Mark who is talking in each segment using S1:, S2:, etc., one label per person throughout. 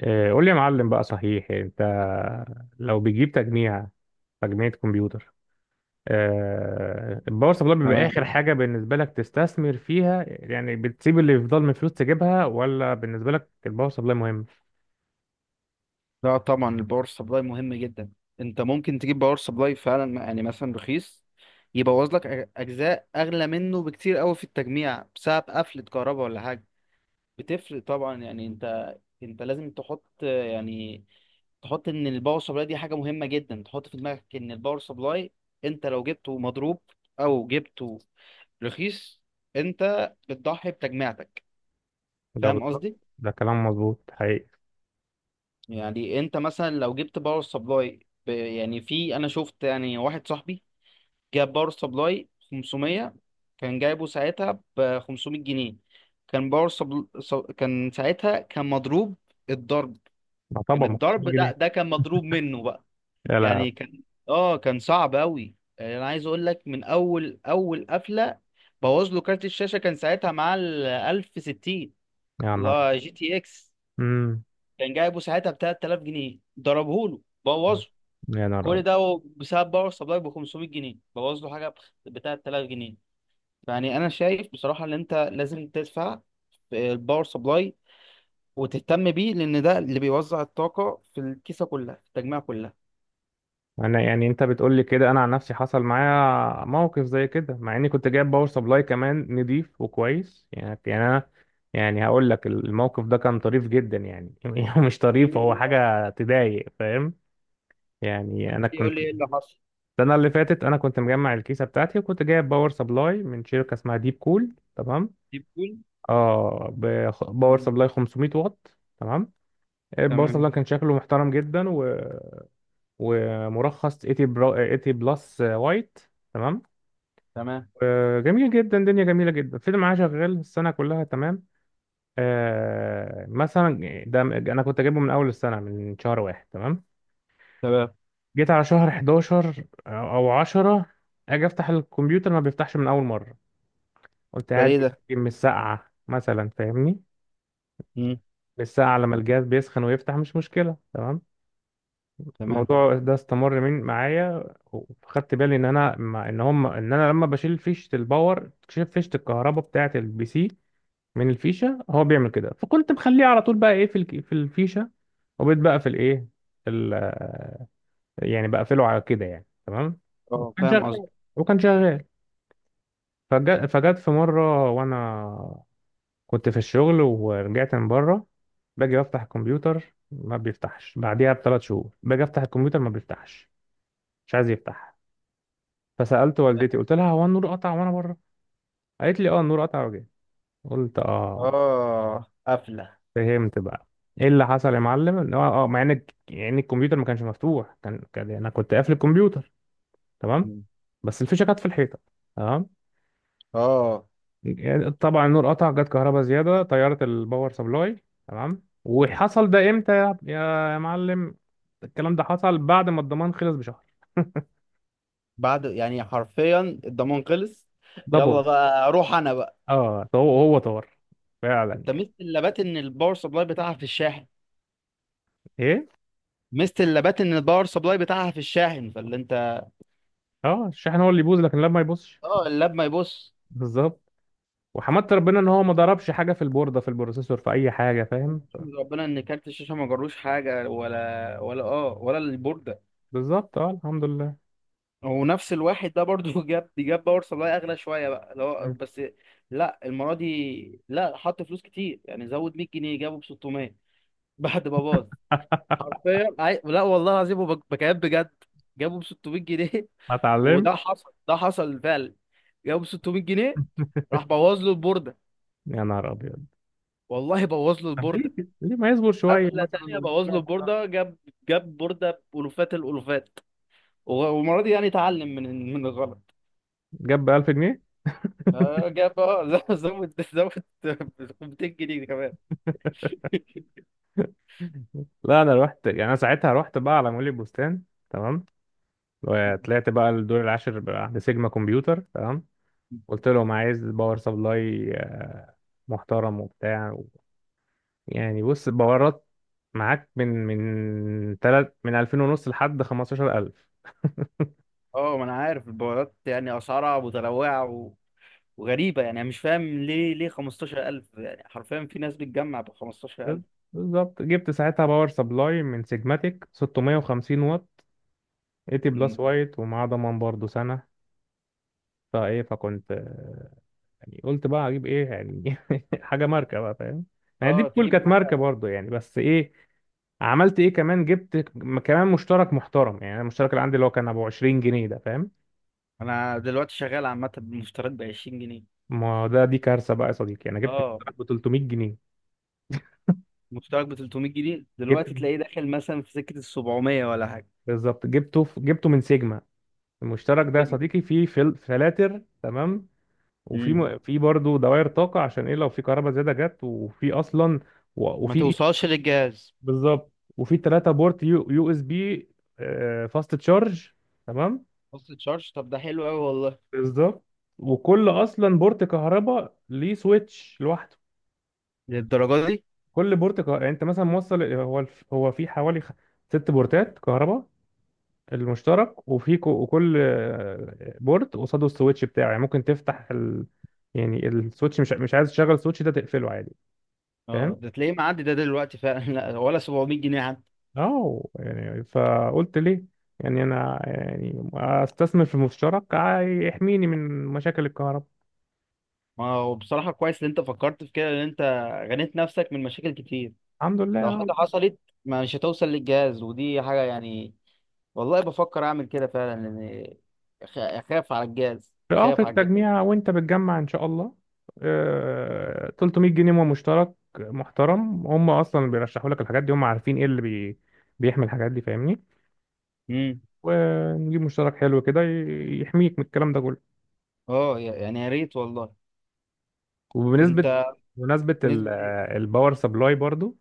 S1: قول لي يا معلم بقى، صحيح انت لو بتجيب تجميع كمبيوتر؟ الباور سبلاي بيبقى
S2: تمام.
S1: اخر حاجه بالنسبه لك تستثمر فيها؟ يعني بتسيب اللي يفضل من فلوس تجيبها، ولا بالنسبه لك الباور سبلاي مهم؟
S2: لا طبعا الباور سبلاي مهم جدا. انت ممكن تجيب باور سبلاي فعلا، يعني مثلا رخيص، يبوظ لك اجزاء اغلى منه بكتير قوي في التجميع بسبب قفلة كهرباء ولا حاجة. بتفرق طبعا. يعني انت لازم تحط، يعني تحط ان الباور سبلاي دي حاجة مهمة جدا. تحط في دماغك ان الباور سبلاي انت لو جبته مضروب او جبته رخيص، انت بتضحي بتجميعتك.
S1: ده
S2: فاهم
S1: بالظبط.
S2: قصدي؟
S1: ده كلام مظبوط حقيقي.
S2: يعني انت مثلا لو جبت باور سبلاي، يعني في، انا شفت يعني واحد صاحبي جاب باور سبلاي 500. كان جايبه ساعتها ب 500 جنيه. كان باور كان ساعتها كان مضروب الضرب.
S1: ما
S2: كان
S1: طبعا ما فيش
S2: الضرب، لا ده
S1: جنيه.
S2: كان مضروب منه بقى.
S1: لا،
S2: يعني
S1: لا.
S2: كان، اه كان صعب قوي. يعني انا عايز اقول لك من اول قفله بوظ له كارت الشاشه. كان ساعتها معاه ال 1060،
S1: يا نهار
S2: لا
S1: أبيض.
S2: جي تي اكس،
S1: امم.
S2: كان جايبه ساعتها ب 3000 جنيه. ضربه له، بوظه.
S1: يا نهار أبيض.
S2: كل ده هو بسبب باور سبلاي ب 500 جنيه بوظ له حاجه بتاع 3000 جنيه. يعني انا شايف بصراحه ان انت لازم تدفع في الباور سبلاي وتهتم بيه، لان ده اللي بيوزع الطاقه في الكيسه كلها، في التجميع كلها.
S1: انا، يعني انت بتقول لي كده، انا عن نفسي حصل معايا موقف زي كده، مع اني كنت جايب باور سبلاي كمان نضيف وكويس يعني. يعني انا، يعني هقول لك، الموقف ده كان طريف جدا يعني مش طريف، هو
S2: يقول
S1: حاجه تضايق، فاهم؟ يعني انا
S2: يقول
S1: كنت،
S2: لي ايه اللي حصل.
S1: السنه اللي فاتت انا كنت مجمع الكيسه بتاعتي، وكنت جايب باور سبلاي من شركه اسمها ديب كول. تمام.
S2: يقول.
S1: اه، باور سبلاي 500 واط. تمام. الباور
S2: تمام.
S1: سبلاي كان شكله محترم جدا، و... ومرخص 80 80 بلس وايت. تمام.
S2: تمام.
S1: جميل جدا، دنيا جميلة جدا، الفيلم معاه شغال السنة كلها. تمام. مثلا ده أنا كنت أجيبه من أول السنة، من شهر واحد. تمام.
S2: تمام.
S1: جيت على شهر 11 أو 10، أجي أفتح الكمبيوتر ما بيفتحش من أول مرة. قلت
S2: ده
S1: قاعد
S2: ليه ده؟
S1: يمكن من الساعة مثلا، فاهمني؟
S2: مم.
S1: من الساعة لما الجهاز بيسخن ويفتح، مش مشكلة. تمام.
S2: تمام.
S1: الموضوع ده استمر من معايا، وخدت بالي ان انا ما- ان هم ان انا لما بشيل فيشه الباور، شيل فيشه الكهرباء بتاعه البي سي من الفيشه، هو بيعمل كده. فكنت مخليه على طول بقى، ايه، في في الفيشه. وبقيت بقى في الايه، ال- يعني بقفله على كده يعني. تمام.
S2: اه
S1: وكان
S2: فاهم قصدك.
S1: شغال، وكان شغال. فجت في مره، وانا كنت في الشغل ورجعت من بره، باجي بفتح الكمبيوتر ما بيفتحش، بعديها ب 3 شهور باجي افتح الكمبيوتر ما بيفتحش، مش عايز يفتح. فسالت والدتي، قلت لها هو النور قطع وانا بره؟ قالت لي اه، النور قطع وجاي. قلت اه،
S2: اه قفله.
S1: فهمت بقى. ايه اللي حصل يا معلم؟ ان هو، مع ان يعني الكمبيوتر ما كانش مفتوح، كان انا كنت قافل الكمبيوتر. تمام.
S2: مم.
S1: بس الفيشه كانت في الحيطه. تمام.
S2: اه.
S1: يعني طبعا النور قطع، جت كهرباء زياده طيرت الباور سبلاي. تمام. وحصل ده امتى يا معلم؟ الكلام ده حصل بعد ما الضمان خلص بشهر.
S2: بعد يعني حرفيا الضمان خلص.
S1: ده
S2: يلا
S1: باظ.
S2: بقى اروح انا بقى.
S1: اه، هو طار فعلا
S2: انت
S1: يعني.
S2: ميزه اللابات ان الباور سبلاي بتاعها في الشاحن.
S1: ايه،
S2: ميزه اللابات ان الباور سبلاي بتاعها في الشاحن، فاللي انت،
S1: اه الشحن هو اللي يبوظ، لكن لا، ما يبوظش.
S2: اه اللاب ما يبص.
S1: بالظبط. وحمدت ربنا ان هو ما ضربش حاجه في البورده، في البروسيسور، في اي حاجه، فاهم؟
S2: احمد ربنا ان كارت الشاشه ما جروش حاجه، ولا اه ولا البورده.
S1: بالظبط، اه، الحمد لله.
S2: ونفس الواحد ده برضو جاب باور سبلاي اغلى شويه بقى، اللي هو
S1: مم.
S2: بس، لا المره دي لا، حط فلوس كتير، يعني زود 100 جنيه، جابه ب 600 بعد ما باظ. حرفيا لا والله العظيم، بكلام بجد، جابه ب 600 جنيه
S1: ما اتعلم.
S2: وده حصل، ده حصل فعلا، جابه ب 600 جنيه. راح بوظ له البورده.
S1: يا نهار ابيض.
S2: والله بوظ له
S1: طب
S2: البورده.
S1: ليه كده؟ ليه ما يصبر شويه
S2: حفله
S1: مثلا
S2: تانية
S1: ويجيب
S2: بوظ له
S1: واحد محترم؟
S2: البورده. جاب. جاب بورده بألوفات الألوفات. و- والمره دي يعني اتعلم من الغلط.
S1: جاب ب 1000 جنيه.
S2: آه، جاب اه زود 200 جنيه كمان.
S1: لا، انا رحت، يعني انا ساعتها رحت بقى على مول البستان. تمام. وطلعت بقى الدور العاشر بقى عند سيجما كمبيوتر. تمام. قلت لهم عايز باور سبلاي محترم وبتاع. و... يعني بص، باورات معاك من تلت، من 2000 ونص لحد 15000.
S2: اه، ما انا عارف البوابات، يعني اسعارها متنوعه و- وغريبه. يعني انا مش فاهم ليه 15000؟ يعني حرفيا في ناس بتجمع ب 15000.
S1: بالظبط، جبت ساعتها باور سبلاي من سيجماتيك 650 واط، 80 بلس
S2: م.
S1: وايت، ومعاه ضمان برضه سنة. فايه، فكنت يعني قلت بقى اجيب ايه، يعني حاجة ماركة بقى، فاهم؟ يعني دي
S2: اه
S1: كول
S2: تجيب
S1: كانت
S2: حاجه.
S1: ماركة برضه يعني، بس ايه. عملت ايه كمان، جبت كمان مشترك محترم. يعني المشترك اللي عندي اللي هو كان ابو 20 جنيه ده، فاهم؟
S2: انا دلوقتي شغال عامه بمشتريات ب 20 جنيه.
S1: ما ده دي كارثة بقى يا صديقي، انا جبت
S2: اه
S1: مشترك ب 300 جنيه.
S2: مشترك ب 300 جنيه
S1: جبت
S2: دلوقتي تلاقيه داخل مثلا في سكة ال 700 ولا حاجة.
S1: بالظبط، جبته من سيجما. المشترك ده يا صديقي فيه فلاتر. تمام. وفي
S2: امم
S1: في برضه دوائر طاقة، عشان ايه، لو في كهرباء زيادة جت، وفي اصلا
S2: ما
S1: وفي.
S2: توصلش للجهاز.
S1: بالظبط. وفي 3 بورت يو اس بي، فاست تشارج. تمام.
S2: فصل تشارج؟ طب ده حلو قوي والله.
S1: بالظبط. وكل اصلا بورت كهرباء ليه سويتش لوحده.
S2: للدرجة دي!
S1: كل بورت كهرباء يعني انت مثلا موصل، هو في حوالي 6 بورتات كهرباء المشترك. وفي وكل بورت قصاده السويتش بتاعه. يعني ممكن تفتح يعني السويتش، مش عايز تشغل السويتش ده تقفله عادي،
S2: اه
S1: فاهم؟
S2: ده تلاقيه معدي ده دلوقتي فعلا لا ولا 700 جنيه حتى.
S1: اه، يعني فقلت ليه، يعني انا يعني استثمر في مشترك يحميني من مشاكل الكهرباء.
S2: ما هو بصراحة كويس ان انت فكرت في كده، ان انت غنيت نفسك من مشاكل كتير.
S1: الحمد لله،
S2: لو
S1: اه.
S2: حاجة حصلت مش هتوصل للجهاز، ودي حاجة يعني. والله بفكر اعمل كده فعلا، لان اخاف على الجهاز.
S1: في
S2: اخاف على الجهاز.
S1: التجميع وانت بتجمع ان شاء الله، 300 جنيه مشترك محترم. هم اصلا اللي بيرشحوا لك الحاجات دي هم عارفين ايه اللي بيحمي الحاجات دي، فاهمني؟
S2: امم
S1: ونجيب مشترك حلو كده يحميك من الكلام ده كله.
S2: اه يعني يا ريت والله.
S1: وبنسبة
S2: انت.
S1: بمناسبة
S2: نسبة.
S1: الباور سبلاي برضو،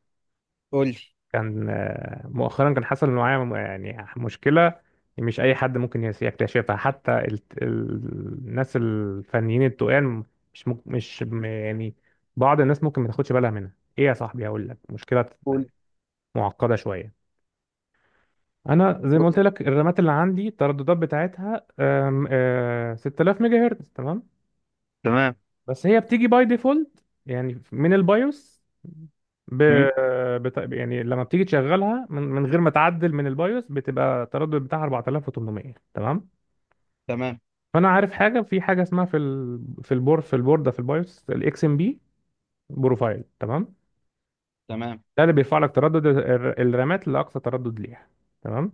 S2: قول لي.
S1: كان مؤخرا كان حصل معايا يعني مشكلة مش أي حد ممكن يكتشفها، حتى الناس الفنيين التقال، مش مك- مش م- يعني بعض الناس ممكن ما تاخدش بالها منها. إيه يا صاحبي، هقول لك مشكلة
S2: قول.
S1: معقدة شوية. أنا زي ما
S2: قول.
S1: قلت لك، الرامات اللي عندي الترددات بتاعتها آم، آه، 6000 ميجا هرتز. تمام.
S2: تمام.
S1: بس هي بتيجي باي ديفولت يعني من البايوس ب...
S2: مم.
S1: يعني لما بتيجي تشغلها من غير ما تعدل من البايوس، بتبقى التردد بتاعها 4800. تمام.
S2: تمام.
S1: فانا عارف حاجه، في حاجه اسمها في ال... في البور في البورده في البايوس، الاكس ام بي بروفايل. تمام.
S2: تمام.
S1: ده اللي بيرفع لك تردد الرامات لاقصى تردد ليها. تمام.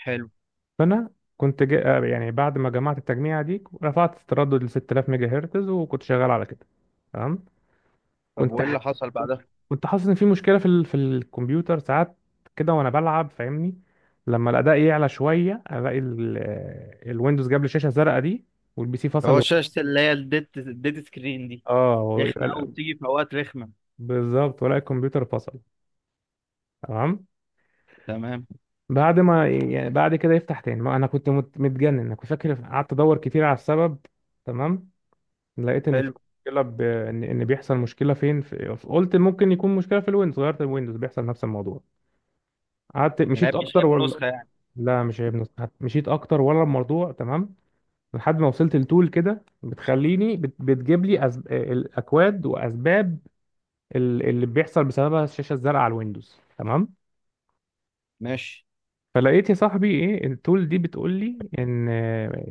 S2: حلو.
S1: فانا كنت جا... آه، يعني بعد ما جمعت التجميعه دي رفعت التردد ل 6000 ميجا هرتز، وكنت شغال على كده. تمام.
S2: طب
S1: كنت طب
S2: وايه
S1: ح-
S2: اللي حصل
S1: كنت
S2: بعدها؟
S1: كنت حاسس ان في مشكله في الكمبيوتر ساعات كده وانا بلعب، فاهمني؟ لما الاداء يعلى شويه، الاقي الويندوز جاب لي شاشه زرقاء دي، والبي سي فصل.
S2: هو
S1: و...
S2: شاشة اللي هي الديت سكرين دي،
S1: اه، ويبقى
S2: رخمة قوي، بتيجي في اوقات رخمة.
S1: بالظبط، ولا الكمبيوتر فصل. تمام.
S2: تمام.
S1: بعد ما يعني بعد كده يفتح تاني. ما انا كنت متجنن. انا كنت فاكر، قعدت ادور كتير على السبب. تمام. لقيت ان في
S2: حلو.
S1: مشكله إن بيحصل مشكله فين قلت ممكن يكون مشكله في الويندوز، غيرت الويندوز بيحصل نفس الموضوع. قعدت مشيت
S2: العيب مش
S1: اكتر،
S2: عيب
S1: ولا
S2: نسخة يعني؟
S1: لا، مش عيب نص. مشيت اكتر، ولا الموضوع تمام. لحد ما وصلت لتول كده بتخليني بتجيب لي الاكواد واسباب اللي بيحصل بسببها الشاشه الزرقاء على الويندوز. تمام.
S2: ماشي.
S1: فلقيت يا صاحبي ايه، التول دي بتقول لي ان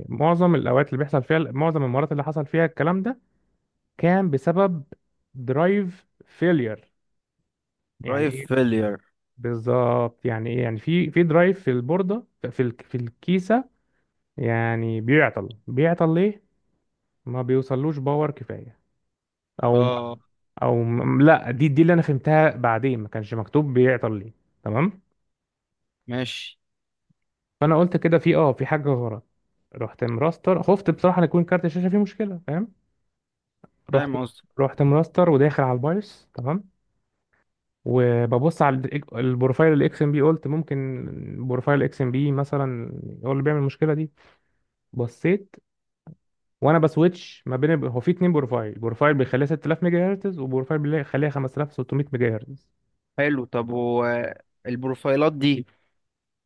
S1: معظم الاوقات اللي بيحصل فيها، معظم المرات اللي حصل فيها الكلام ده، كان بسبب درايف فيلير. يعني
S2: درايف
S1: ايه
S2: فيلير؟
S1: بالظبط، يعني ايه، يعني في درايف في البورده في في الكيسه، يعني بيعطل. بيعطل ليه؟ ما بيوصلوش باور كفاية، او
S2: اه.
S1: او لا، دي اللي انا فهمتها بعدين، ما كانش مكتوب بيعطل ليه. تمام.
S2: ماشي.
S1: فانا قلت كده في حاجة غلط. رحت مراستر، خفت بصراحة ان يكون كارت الشاشة فيه مشكلة، فاهم؟ رحت
S2: فاهم قصدي.
S1: رحت مراستر وداخل على البايوس. تمام. وببص على البروفايل الاكس ام بي. قلت ممكن بروفايل اكس ام بي مثلا هو اللي بيعمل المشكلة دي. بصيت وانا بسويتش ما بين هو في 2 بروفايل، بروفايل بيخليها 6000 ميجا هرتز وبروفايل بيخليها 5600 ميجا هرتز.
S2: حلو. طب هو البروفايلات دي،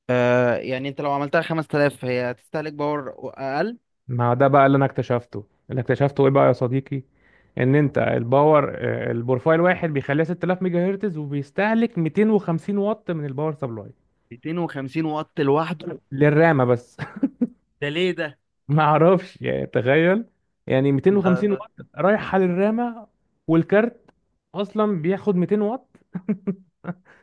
S2: آه يعني انت لو عملتها 5000 هي هتستهلك باور اقل؟
S1: ما ده بقى اللي انا اكتشفته. اللي اكتشفته ايه بقى يا صديقي؟ ان انت، الباور آه، البروفايل واحد بيخليها 6000 ميجا هرتز وبيستهلك 250 واط من الباور سبلاي،
S2: 250 واط لوحده؟
S1: للرامه بس.
S2: ده ليه ده؟
S1: ما اعرفش، يعني تخيل، يعني 250
S2: ده
S1: واط رايحه للرامه، والكارت اصلا بياخد 200 واط.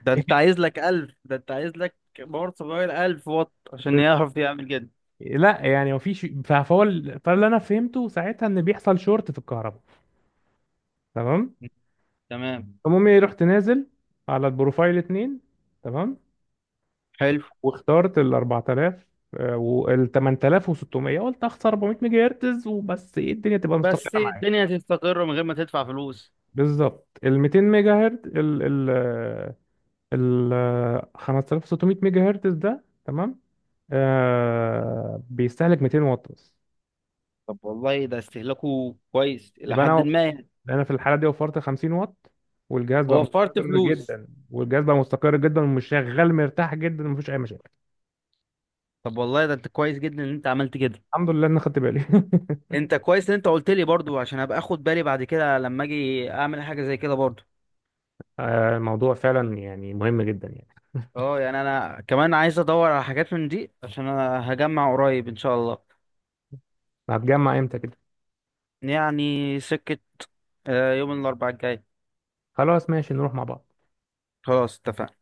S2: ده انت عايز لك ألف، ده انت عايز لك باور سبلاي 1000 واط عشان يعرف يعمل كده.
S1: لا، يعني مفيش. فاللي انا فهمته ساعتها ان بيحصل شورت في الكهرباء. تمام.
S2: تمام.
S1: المهم إيه، رحت نازل على البروفايل 2. تمام.
S2: حلو.
S1: واخترت ال 4000 وال 8600، قلت اخسر 400 ميجا هرتز وبس، ايه، الدنيا تبقى
S2: بس
S1: مستقره معايا.
S2: الدنيا هتستقر من غير ما تدفع فلوس.
S1: بالظبط، ال 200 ميجا هرتز، ال 5600 ميجا هرتز ده. تمام. بيستهلك 200 واط بس.
S2: طب والله ده استهلاكه كويس إلى
S1: يبقى
S2: حد
S1: انا
S2: ما، يعني.
S1: انا في الحاله دي وفرت 50 واط، والجهاز بقى
S2: وفرت
S1: مستقر
S2: فلوس.
S1: جدا، والجهاز بقى مستقر جدا ومش شغال مرتاح جدا، ومفيش اي مشاكل.
S2: طب والله ده انت كويس جدا ان انت عملت كده.
S1: الحمد لله ان خدت بالي.
S2: انت كويس ان انت قلت لي برضو، عشان ابقى اخد بالي بعد كده لما اجي اعمل حاجة زي كده برضو.
S1: الموضوع فعلا يعني مهم جدا يعني.
S2: اه يعني انا كمان عايز ادور على حاجات من دي عشان انا هجمع قريب ان شاء الله.
S1: هتجمع امتى كده؟
S2: يعني سكة، آه، يوم الاربعاء الجاي.
S1: خلاص ماشي، نروح مع بعض.
S2: خلاص اتفقنا.